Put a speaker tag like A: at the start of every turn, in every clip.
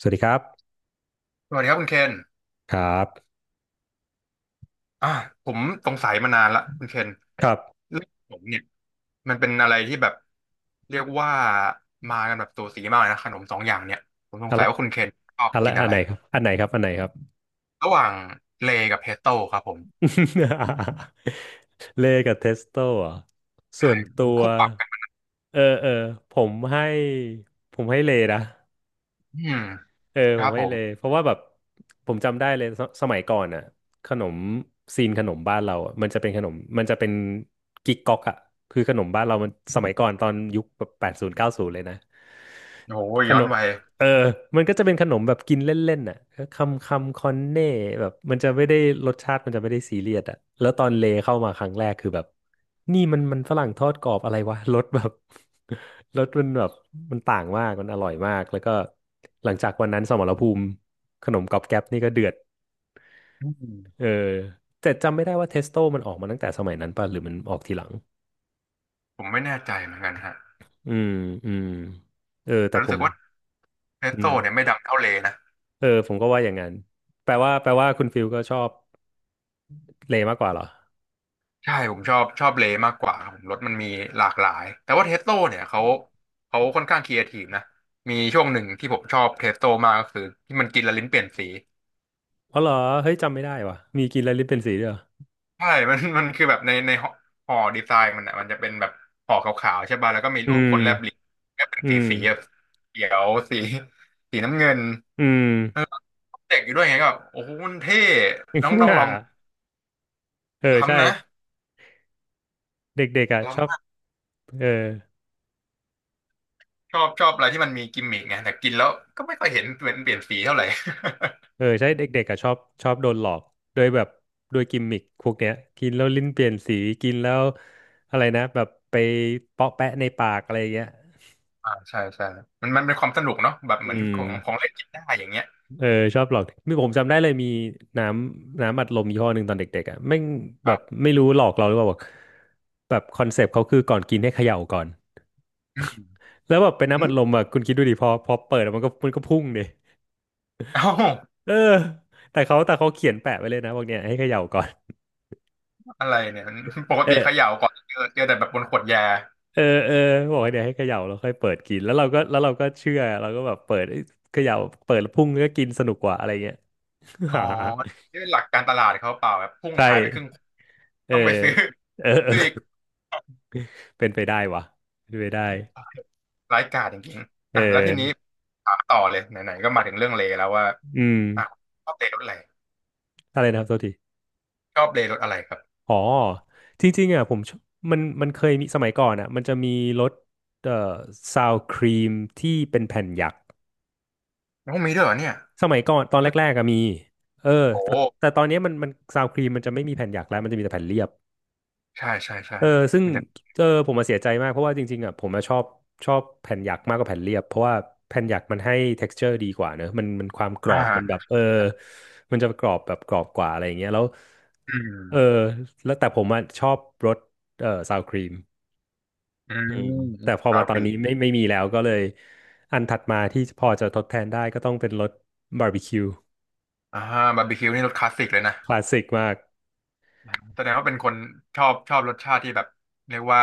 A: สวัสดีครับ
B: สวัสดีครับคุณเคน
A: ครับ
B: อ่าผมสงสัยมานานละคุณเคน
A: ครับ
B: เรื่องขนมเนี่ยมันเป็นอะไรที่แบบเรียกว่ามากันแบบสูสีมากเลยนะขนมสองอย่างเนี่ยผมสง
A: อัน
B: สั
A: ล
B: ยว่าคุณเคนชอบกิน
A: อั
B: อะ
A: น
B: ไร
A: ไหนครับอันไหนครับอันไหนครับ
B: ระหว่างเลย์กับเพสโต้ครับผม
A: เลกับเทสโต้อหส่
B: ใช่
A: วนตัว
B: คู่ปรับกัน
A: เออผมให้ผมให้เลนะ
B: อืม
A: เออ
B: ค
A: ผ
B: รั
A: ม
B: บผ
A: ให้เล
B: ม
A: เพราะว่าแบบผมจำได้เลยสมัยก่อนอ่ะขนมขนมบ้านเราอะมันจะเป็นขนมมันจะเป็นกิ๊กก๊อกอ่ะคือขนมบ้านเรามันสมัยก่อนตอนยุคแบบแปดศูนย์เก้าศูนย์เลยนะ
B: โอ้โห
A: ข
B: ย้อ
A: น
B: น
A: ม
B: วัย
A: เออมันก็จะเป็นขนมแบบกินเล่นๆน่ะคำคอนเน่แบบมันจะไม่ได้รสชาติมันจะไม่ได้ซีเรียสอ่ะแล้วตอนเลเข้ามาครั้งแรกคือแบบนี่มันฝรั่งทอดกรอบอะไรวะ รสแบบ รสมันแบบมันต่างมากมันอร่อยมากแล้วก็หลังจากวันนั้นสมรภูมิขนมก๊อบแก๊บนี่ก็เดือด
B: อื
A: เออ
B: ม
A: แต่จำไม่ได้ว่าเทสโต้มันออกมาตั้งแต่สมัยนั้นป่ะหรือมันออกทีหลัง
B: ผมไม่แน่ใจเหมือนกันฮะ
A: อืมอืมเออแต่
B: แต่
A: ผ
B: รู้สึ
A: ม
B: กว่าเพส
A: อื
B: โต้
A: ม
B: เนี่ยไม่ดังเท่าเลย์นะ
A: เออผมก็ว่าอย่างนั้นแปลว่าคุณฟิลก็ชอบ เลมากกว่าเหรอ
B: ใช่ผมชอบเลมากกว่าครับผมรถมันมีหลากหลายแต่ว่าเทสโ a เนี่ยเขาค่อนข้างครีเอทีฟนะมีช่วงหนึ่งที่ผมชอบเทสโ a มากก็คือที่มันกินและลิ้นเปลี่ยนสี
A: อ๋อเหรอเฮ้ยจำไม่ได้ว่ะมีกินแล้วลินเป็นสีด้วยเหรอ
B: ใช่ มันคือแบบในห่อห่อดีไซน์มันอ่ะมันจะเป็นแบบห่อขาวๆใช่ป่ะแล้วก็มี
A: อื
B: รูปค
A: ม
B: นแลบลิ้นก็เป็น
A: อื
B: สี
A: ม
B: แบบเขียวสีน้ำเงิน
A: อืม
B: เออเด็กอยู่ด้วยไงก็แบบโอ้โหมันเท่น้องต้องลอง
A: เออใช่
B: ล้ำนะ
A: เด็กๆอ่ะชอ
B: ล้ำ
A: บ
B: มาก
A: เออ
B: ชอบอะไรที่มันมีกิมมิกไงแต่กินแล้วก็ไม่ค่อยเห็นเปลี่ยนสีเท่าไหร่
A: เออใช่เด็กๆอ่ะชอบชอบโดนหลอกโดยแบบโดยกิมมิคพวกเนี้ยกินแล้วลิ้นเปลี่ยนสีกินแล้วอะไรนะแบบไปเปาะแปะในปากอะไรอย่างเงี้ย
B: อ่าใช่ใช่มันเป็นความสนุกเนาะแบบเห
A: อื
B: มือนข
A: ม
B: องเล่นกินได้อย่างเงี้ย
A: เออชอบหลอกมีผมจำได้เลยมีน้น้ำอัดลมยี่ห้อหนึ่งตอนเด็กๆอ่ะแม่ง
B: ค
A: แบ
B: รั
A: บ
B: บ
A: ไม่รู้หลอกเราหรือเปล่าบอกแบบคอนเซปต์เขาคือก่อนกินให้เขย่าก่อน
B: อืม
A: แล้วแบบเป็นน้ำ
B: อื
A: อัดล
B: ม
A: มอ่ะคุณคิดดูดิพอเปิดอะมันก็พุ่งดิ
B: เอ้า
A: เออแต่เขาเขียนแปะไว้เลยนะบอกเนี่ยให้เขย่าก่อน
B: อะไรเนี่ยปก
A: เอ
B: ติเข
A: อ
B: ย่าก่อนเจอแต่แบบบนขวดยา
A: เออบอกให้เนี่ยวให้เขย่าแล้วค่อยเปิดกินแล้วเราก็เชื่อเราก็แบบเปิดเอ้ยเขย่าเปิดแล้วพุ่งก็กินสนุกกว่าอะไรเงี้ย
B: อ๋ อ
A: หา
B: ด้วยหลักการตลาดเขาเปล่าแบบพุ่ง
A: ใช่
B: หายไปครึ่ง
A: เออ
B: ต้องไปซื้อ
A: เออ
B: อีก
A: เป็นไปได้วะเป็นไปได้
B: ร้ายกาจจริง
A: เ
B: ๆอ่ะแล้วทีนี้
A: ออ
B: ถามต่อเลยไหนๆก็มาถึงเรื่องเลแล้วว่า
A: อืม
B: อ่ะชอบเลรถอะไร
A: อะไรนะครับโทษที
B: ชอบเลรถอะไรครับ
A: อ๋อจริงๆอ่ะผมชอบมันเคยมีสมัยก่อนอ่ะมันจะมีรสเอ่อซาวครีมที่เป็นแผ่นหยัก
B: โอ้มีด้วยเหรอเนี่ย
A: สมัยก่อนตอนแร
B: เมื่
A: ก
B: อ
A: ๆก็มีเออ
B: โอ้
A: แต่แต่ตอนเนี้ยมันซาวครีมมันจะไม่มีแผ่นหยักแล้วมันจะมีแต่แผ่นเรียบ
B: ใช่ใช่ใช่
A: เออซึ่ง
B: มีแต่
A: เออผมมาเสียใจมากเพราะว่าจริงๆอ่ะผมมาชอบชอบแผ่นหยักมากกว่าแผ่นเรียบเพราะว่าแผ่นหยักมันให้ texture ดีกว่าเนอะมันความกร
B: อ
A: อบมันแบบ
B: ่า
A: เออมันจะกรอบแบบกรอบกว่าอะไรอย่างเงี้ยแล้ว
B: อื
A: เออ
B: ม
A: แล้วแต่ผมอ่ะชอบรสซาวครีม
B: อื
A: อืม
B: ม
A: แต่พอ
B: รา
A: มา
B: ว
A: ต
B: ฟ
A: อน
B: รี
A: นี้ไม่มีแล้วก็เลยอันถัดมาที่พอจะทดแทนได้ก็ต้องเป็นรสบาร์บีคิว
B: อ่าบาร์บีคิวนี่รสคลาสสิกเลยนะ
A: คลาสสิกมาก
B: แสดงว่าเป็นคนชอบรสชาติที่แบบเรียกว่า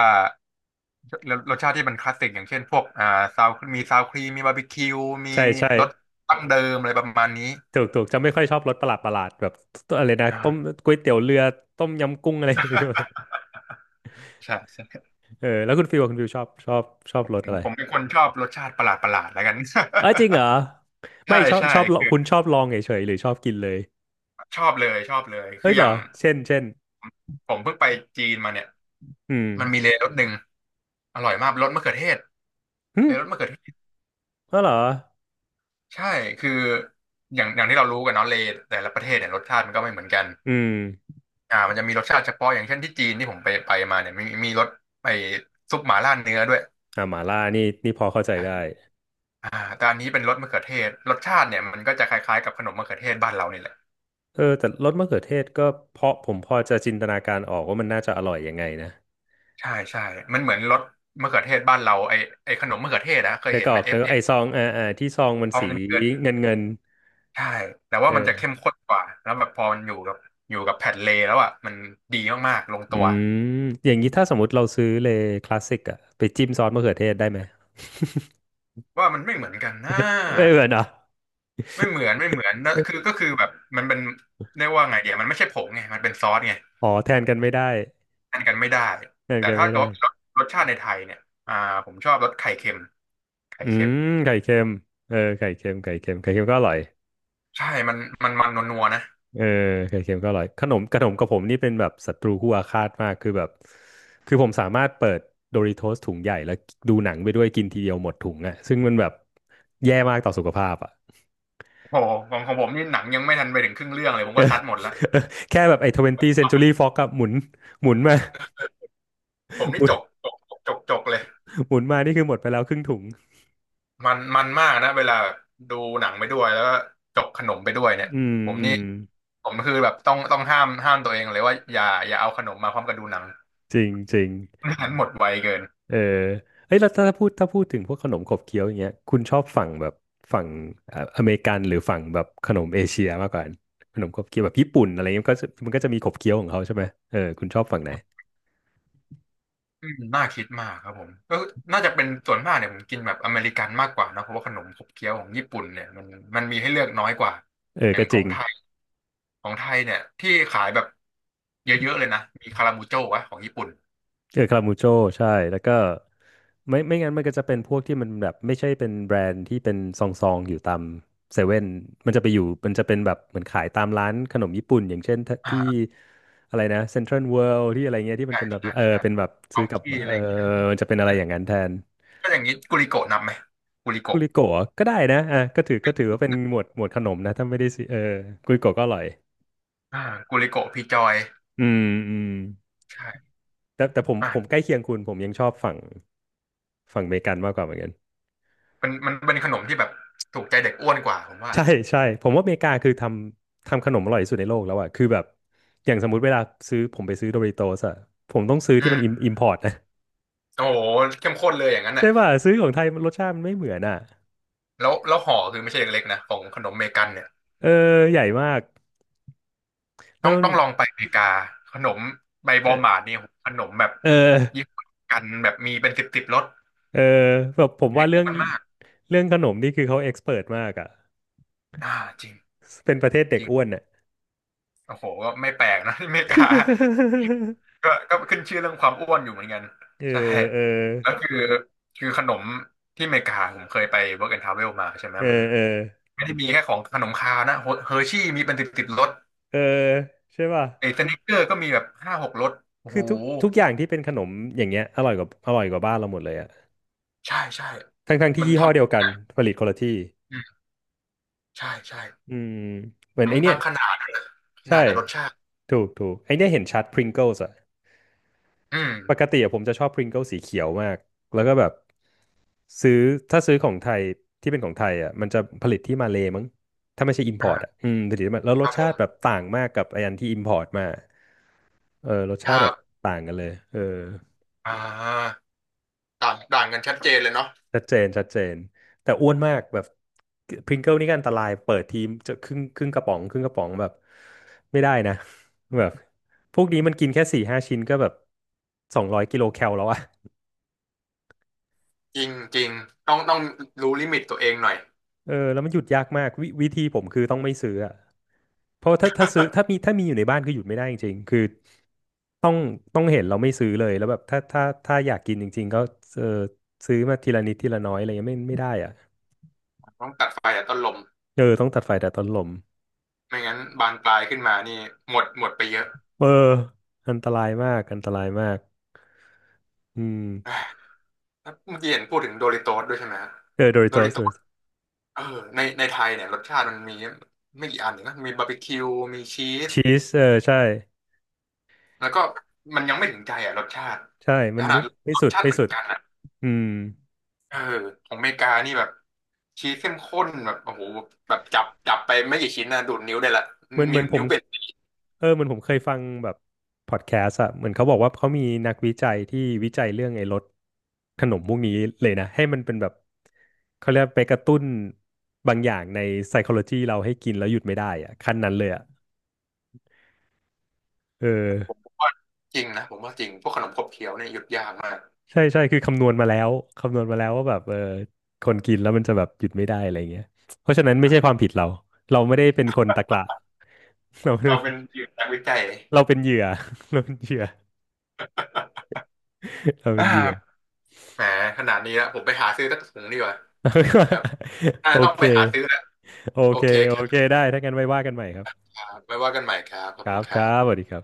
B: รสชาติที่มันคลาสสิกอย่างเช่นพวกอ่าซาวมีซาวครีมมีบาร์บีคิวมี
A: ใช่ใช่
B: รสตั้งเดิมอะไรประมาณนี้
A: ถูกจะไม่ค่อยชอบรสประหลาดแบบอะไรนะต้ม
B: อ่า
A: ก๋วยเตี๋ยวเรือต้มยำกุ้งอะไร
B: ใช่ใช่
A: เออแล้วคุณฟิวอะคุณฟิวชอบรสอะไร
B: ผมเป็นคนชอบรสชาติประหลาดแล้วกัน
A: เออจริงเหรอ
B: ใช่
A: ไม่ชอบ
B: ใช่
A: ชอบลอง
B: คือ
A: คุณชอบลองเฉยๆหรือชอบกินเลย
B: ชอบเลยคื
A: เฮ้ย
B: อ
A: เห
B: อ
A: ร
B: ย่า
A: อ
B: ง
A: เช่น
B: ผมเพิ่งไปจีนมาเนี่ย
A: อืม
B: มันมีเลยรสหนึ่งอร่อยมากรสมะเขือเทศ
A: หึ
B: เลยรสมะเขือเทศ
A: อ๋อเหรอ
B: ใช่คืออย่างที่เรารู้กันเนาะเลแต่ละประเทศเนี่ยรสชาติมันก็ไม่เหมือนกัน
A: อืม
B: อ่ามันจะมีรสชาติเฉพาะอย่างเช่นที่จีนที่ผมไปมาเนี่ยมีรสไอ้ซุปหม่าล่าเนื้อด้วย
A: อ่าหม่าล่านี่นี่พอเข้าใจได้
B: อ่าอ่าแต่อันนี้เป็นรสมะเขือเทศรสชาติเนี่ยมันก็จะคล้ายๆกับขนมมะเขือเทศบ้านเรานี่แหละ
A: เออแต่รสมะเขือเทศก็เพราะผมพอจะจินตนาการออกว่ามันน่าจะอร่อยยังไงนะ
B: ใช่ใช่มันเหมือนรสมะเขือเทศบ้านเราไอขนมมะเขือเทศนะเคย
A: นึก
B: เห็น
A: อ
B: ไห
A: อ
B: ม
A: ก
B: เอ
A: นึ
B: ฟ
A: กออ
B: เอ
A: กไอซองอ่าอ่าที่ซองมัน
B: ทอง
A: สี
B: เกิน
A: เงิน
B: ใช่แต่
A: เอ
B: ว่ามันจะเข้ม
A: อ
B: ข้นกว่าแล้วแบบพอมันอยู่กับแผ่นเลแล้วอ่ะมันดีมากๆลง
A: อื
B: ตัว
A: มอย่างนี้ถ้าสมมติเราซื้อเลยคลาสสิกอะไปจิ้มซอสมะเขือเทศได้ไหม
B: ว่ามันไม่เหมือนกันนะ
A: ไม่เหมือนเหรอ
B: ไม่เหมือนแล้วคือแบบมันเป็นเรียกว่าไงเดียวมันไม่ใช่ผงไงมันเป็นซอสไง
A: อ๋อแทนกันไม่ได้
B: ทานกันไม่ได้
A: แทน
B: แต่
A: กัน
B: ถ้า
A: ไม่
B: เกิด
A: ได้
B: ว่าเป็นรสชาติในไทยเนี่ยอ่าผมชอบรสไข่เค็มไข่
A: อื
B: เค็ม
A: มไข่เค็มเออไข่เค็มไข่เค็มก็อร่อย
B: ใช่มันนัวๆนะ
A: เออไข่เค็มก็อร่อยขนมกับผมนี่เป็นแบบศัตรูคู่อาฆาตมากคือแบบคือผมสามารถเปิดโดริโทสถุงใหญ่แล้วดูหนังไปด้วยกินทีเดียวหมดถุงอ่ะซึ่งมันแบบแย่มากต่อสุขภาพอ่ะ
B: โอ้โหของผมนี่หนังยังไม่ทันไปถึงครึ่งเรื่องเลยผม
A: เอ
B: ก็
A: อ
B: ซัดหมดแล้ว
A: แค่แบบไอ้ 20th Century Fox อะหมุนหมุนมา
B: ผม
A: ห
B: นี่
A: มุน
B: จกจกเลย
A: หมุนมานี่คือหมดไปแล้วครึ่งถุง
B: มันมากนะเวลาดูหนังไปด้วยแล้วก็จกขนมไปด้วยเนี่ย
A: อืม
B: ผม
A: อื
B: นี่
A: ม
B: ผมคือแบบต้องห้ามตัวเองเลยว่าอย่าเอาขนมมาพร้อมกับดูหนัง
A: จริงจริง
B: ไม่งั้นหมดไวเกิน
A: เออเอ้ยแล้วถ้าพูดถึงพวกขนมขบเคี้ยวอย่างเงี้ยคุณชอบฝั่งแบบฝั่งอเมริกันหรือฝั่งแบบขนมเอเชียมากกว่ากันขนมขบเคี้ยวแบบญี่ปุ่นอะไรเงี้ยมันก็จะมีขบเคี้ยวของเขาใช่ไหมเออคุณชอบฝั่งไหน
B: อืมน่าคิดมากครับผมก็น่าจะเป็นส่วนมากเนี่ยผมกินแบบอเมริกันมากกว่านะเพราะว่าขนมขบเคี้ยวของญี่ปุ่นเนี่ยมันมีให้เลือกน้อยกว่า
A: เออ
B: อย่า
A: ก็
B: งข
A: จ
B: อ
A: ริ
B: ง
A: ง
B: ไทยของไทยเนี่ยที่ขายแบบเยอะๆเลยนะมีคารามูโจ้วะของญี่ปุ่น
A: เออคามูโจใช่แล้วก็ไม่งั้นมันก็จะเป็นพวกที่มันแบบไม่ใช่เป็นแบรนด์ที่เป็นซองซองอยู่ตามเซเว่นมันจะเป็นแบบเหมือนขายตามร้านขนมญี่ปุ่นอย่างเช่นที่
B: อ่า
A: อะไรนะเซ็นทรัลเวิลด์ที่อะไรเงี้ยที่มัน
B: ใช่
A: เป็นแบบ
B: ใช่ใช่
A: เป็นแบบ
B: ขอ
A: ซื้อ
B: ง
A: กับ
B: ที่อะไรอย่างเงี้ย
A: มันจะเป็นอะไรอย่างนั้นแทน
B: ก็อย่างนี้กุลิโกะนับไหมกุลิ
A: กุ
B: โกะ
A: ลิโกะก็ได้นะอ่ะก็ถือว่าเป็นหมวดขนมนะถ้าไม่ได้ซืเออกุลิโกะก็อร่อย
B: อ่ากุลิโกะพีจอย
A: อืมอืม
B: ใช่
A: แต่ผม
B: อ่ะ
A: ใกล้เคียงคุณผมยังชอบฝั่งอเมริกันมากกว่าเหมือนกัน
B: เป็นมันเป็นขนมที่แบบถูกใจเด็กอ้วนกว่าผมว่า
A: ใช่ใช่ผมว่าอเมริกาคือทำขนมอร่อยที่สุดในโลกแล้วอะคือแบบอย่างสมมุติเวลาซื้อผมไปซื้อโดริโตสอะผมต้องซื้อ
B: อื
A: ที่มันอ
B: ม
A: ิมพอร์ตนะ
B: โอ้โหเข้มข้นเลยอย่างนั้น
A: ใช่
B: น่ะ
A: ป่ะซื้อของไทยมันรสชาติมันไม่เหมือนอะ
B: แล้วห่อคือไม่ใช่เล็กๆนะของขนมเมกันเนี่ย
A: เออใหญ่มากแล้
B: ต้อ
A: ว
B: ง
A: มัน
B: ลองไปอเมริกาขนมใบบอลหมา
A: เออ
B: ดเนี่ยโหขนมแบบ
A: เออ
B: ยี่ห้อกันแบบมีเป็นสิบรส
A: เออแบบผม
B: เด็
A: ว่า
B: ก
A: เรื่
B: อ้
A: อง
B: วนมาก
A: เรื่องขนมนี่คือเขาเอ็กซ์เพิร์มากอะ
B: อ่าจริง
A: เป็นประเทศเด็
B: จ
A: ก
B: ริง
A: อ้วนอะ
B: โอ้โหก็ไม่แปลกนะ ที่อเมริกา ก็ขึ้นชื่อเรื่องความอ้วนอยู่เหมือนกัน
A: เออ
B: ใช่
A: เออ
B: แล้วคือขนมที่อเมริกาผมเคยไป Work and Travel มาใช่ไหม
A: เออ
B: มัน
A: เออ
B: ไม่ได้มีแค่ของขนมคาวนะเฮอร์ชี่มีเป็นสิบรส
A: เออใช่ป่ะ
B: ไอ้สนิกเกอร์ก็มีแบบห้าหกรสโอ้
A: คื
B: โห
A: อทุกทุกอย่างที่เป็นขนมอย่างเงี้ยอร่อยกว่าอร่อยกว่าบ้านเราหมดเลยอะ
B: ใช่ใช่
A: ทั้งที่
B: มัน
A: ยี่
B: ท
A: ห้อเดียวกันผลิตคนละที่
B: ำอืมใช่ใช่
A: อืมเหมือนไอ
B: ทั้ง
A: เนี้ย
B: ขนาด
A: ใช่
B: กับรสชาติ
A: ถูกถูกไอเนี้ยเห็นชัด Pringles อะ
B: อืม
A: ปกติอะผมจะชอบ Pringles สีเขียวมากแล้วก็แบบซื้อถ้าซื้อของไทยที่เป็นของไทยอะมันจะผลิตที่มาเลย์มั้งถ้าไม่ใช่
B: อ่า
A: import อะอืมผลิตที่มาแล้วร
B: ค
A: ส
B: รับผ
A: ชา
B: ม
A: ติแบบต่างมากกับไออันที่ import มาเออรส
B: ค
A: ชาติ
B: รั
A: แบ
B: บ
A: บต่างกันเลยเออ
B: อ่าต่างต่างกันชัดเจนเลยเนาะ
A: ชัดเจนชัดเจนแต่อ้วนมากแบบพริงเกิลนี่ก็อันตรายเปิดทีมจะครึ่งกระป๋องครึ่งกระป๋องแบบไม่ได้นะ แบบพวกนี้มันกินแค่4-5ชิ้นก็แบบ200กิโลแคลแล้วอะ
B: จริงจริงต้องรู้ลิมิตตัวเองหน่อย
A: เออแล้วมันหยุดยากมากวิธีผมคือต้องไม่ซื้ออะเพราะถ้าซื้อถ้ามีอยู่ในบ้านคือหยุดไม่ได้จริงๆคือต้องต้องเห็นเราไม่ซื้อเลยแล้วแบบถ้าอยากกินจริงๆก็เออซื้อมาทีละนิดทีละน้อยอะไรเงี้ยไม่ได้อะ
B: ต้องตัดไฟแต่ต้นลม
A: เออต้องตัดไฟแต่ต้นลม
B: ไม่งั้นบานปลายขึ้นมานี่หมดไปเยอะ
A: เอออันตรายมากอันตรายมาก อืม
B: อ่าแล้วเมื่อกี้เห็นพูดถึงโดริโตสด้วยใช่ไหมฮะ
A: เออโดริ
B: โด
A: โต
B: ริโต
A: ส
B: สเออในไทยเนี่ยรสชาติมันมีไม่กี่อันเองนะมีบาร์บีคิวมีชีส
A: ชีสเออใช่
B: แล้วก็มันยังไม่ถึงใจอ่ะรสชาติ
A: ใช่มัน
B: ขนา
A: ไม่
B: ด
A: ไม่
B: รส
A: สุด
B: ชาติ
A: ไม่
B: เหมือ
A: สุ
B: น
A: ด
B: กันนะ
A: อืม
B: เออของอเมริกานี่แบบชีสเข้มข้นแบบโอ้โหแบบจับไปไม่กี่ชิ้นนะดูดนิ้วได้ละ
A: เหมือนเหมื
B: นิ้
A: อ
B: ว
A: นผม
B: เป็น
A: เหมือนผมเคยฟังแบบพอดแคสต์อะเหมือนเขาบอกว่าเขามีนักวิจัยที่วิจัยเรื่องไอ้รสขนมพวกนี้เลยนะให้มันเป็นแบบเขาเรียกไปกระตุ้นบางอย่างใน psychology เราให้กินแล้วหยุดไม่ได้อะขั้นนั้นเลยอะเออ
B: จริงนะผมว่าจริงพวกขนมขบเคี้ยวเนี่ยหยุดยากมาก
A: ใช่ใช่คือคำนวณมาแล้วว่าแบบคนกินแล้วมันจะแบบหยุดไม่ได้อะไรเงี้ยเพราะฉะนั้นไม่ใช่
B: เอ
A: ควา
B: อ
A: มผิดเราเราไม่ได้เป็นคนตะกละ เรา
B: เราเป็นนักวิจัย
A: เราเป็นเหยื่อเราเป็นเหยื่อ เราเป็นเหยื่อ
B: อ่าแหมขนาดนี้แล้วผมไปหาซื้อสักถุงดีกว่าครับ อ่า
A: โอ
B: ต้อง
A: เ
B: ไปหาซื้อ
A: ค
B: แหละ
A: โอ
B: โอ
A: เค
B: เคค
A: โอ
B: รับ
A: เคได้ถ้างั้นไว้ว่ากันใหม่ครับ
B: ไว้ว่ากันใหม่ครับขอ
A: ค
B: บคุ
A: รั
B: ณ
A: บ
B: ค
A: ค
B: รั
A: รั
B: บ
A: บสวัสดีครับ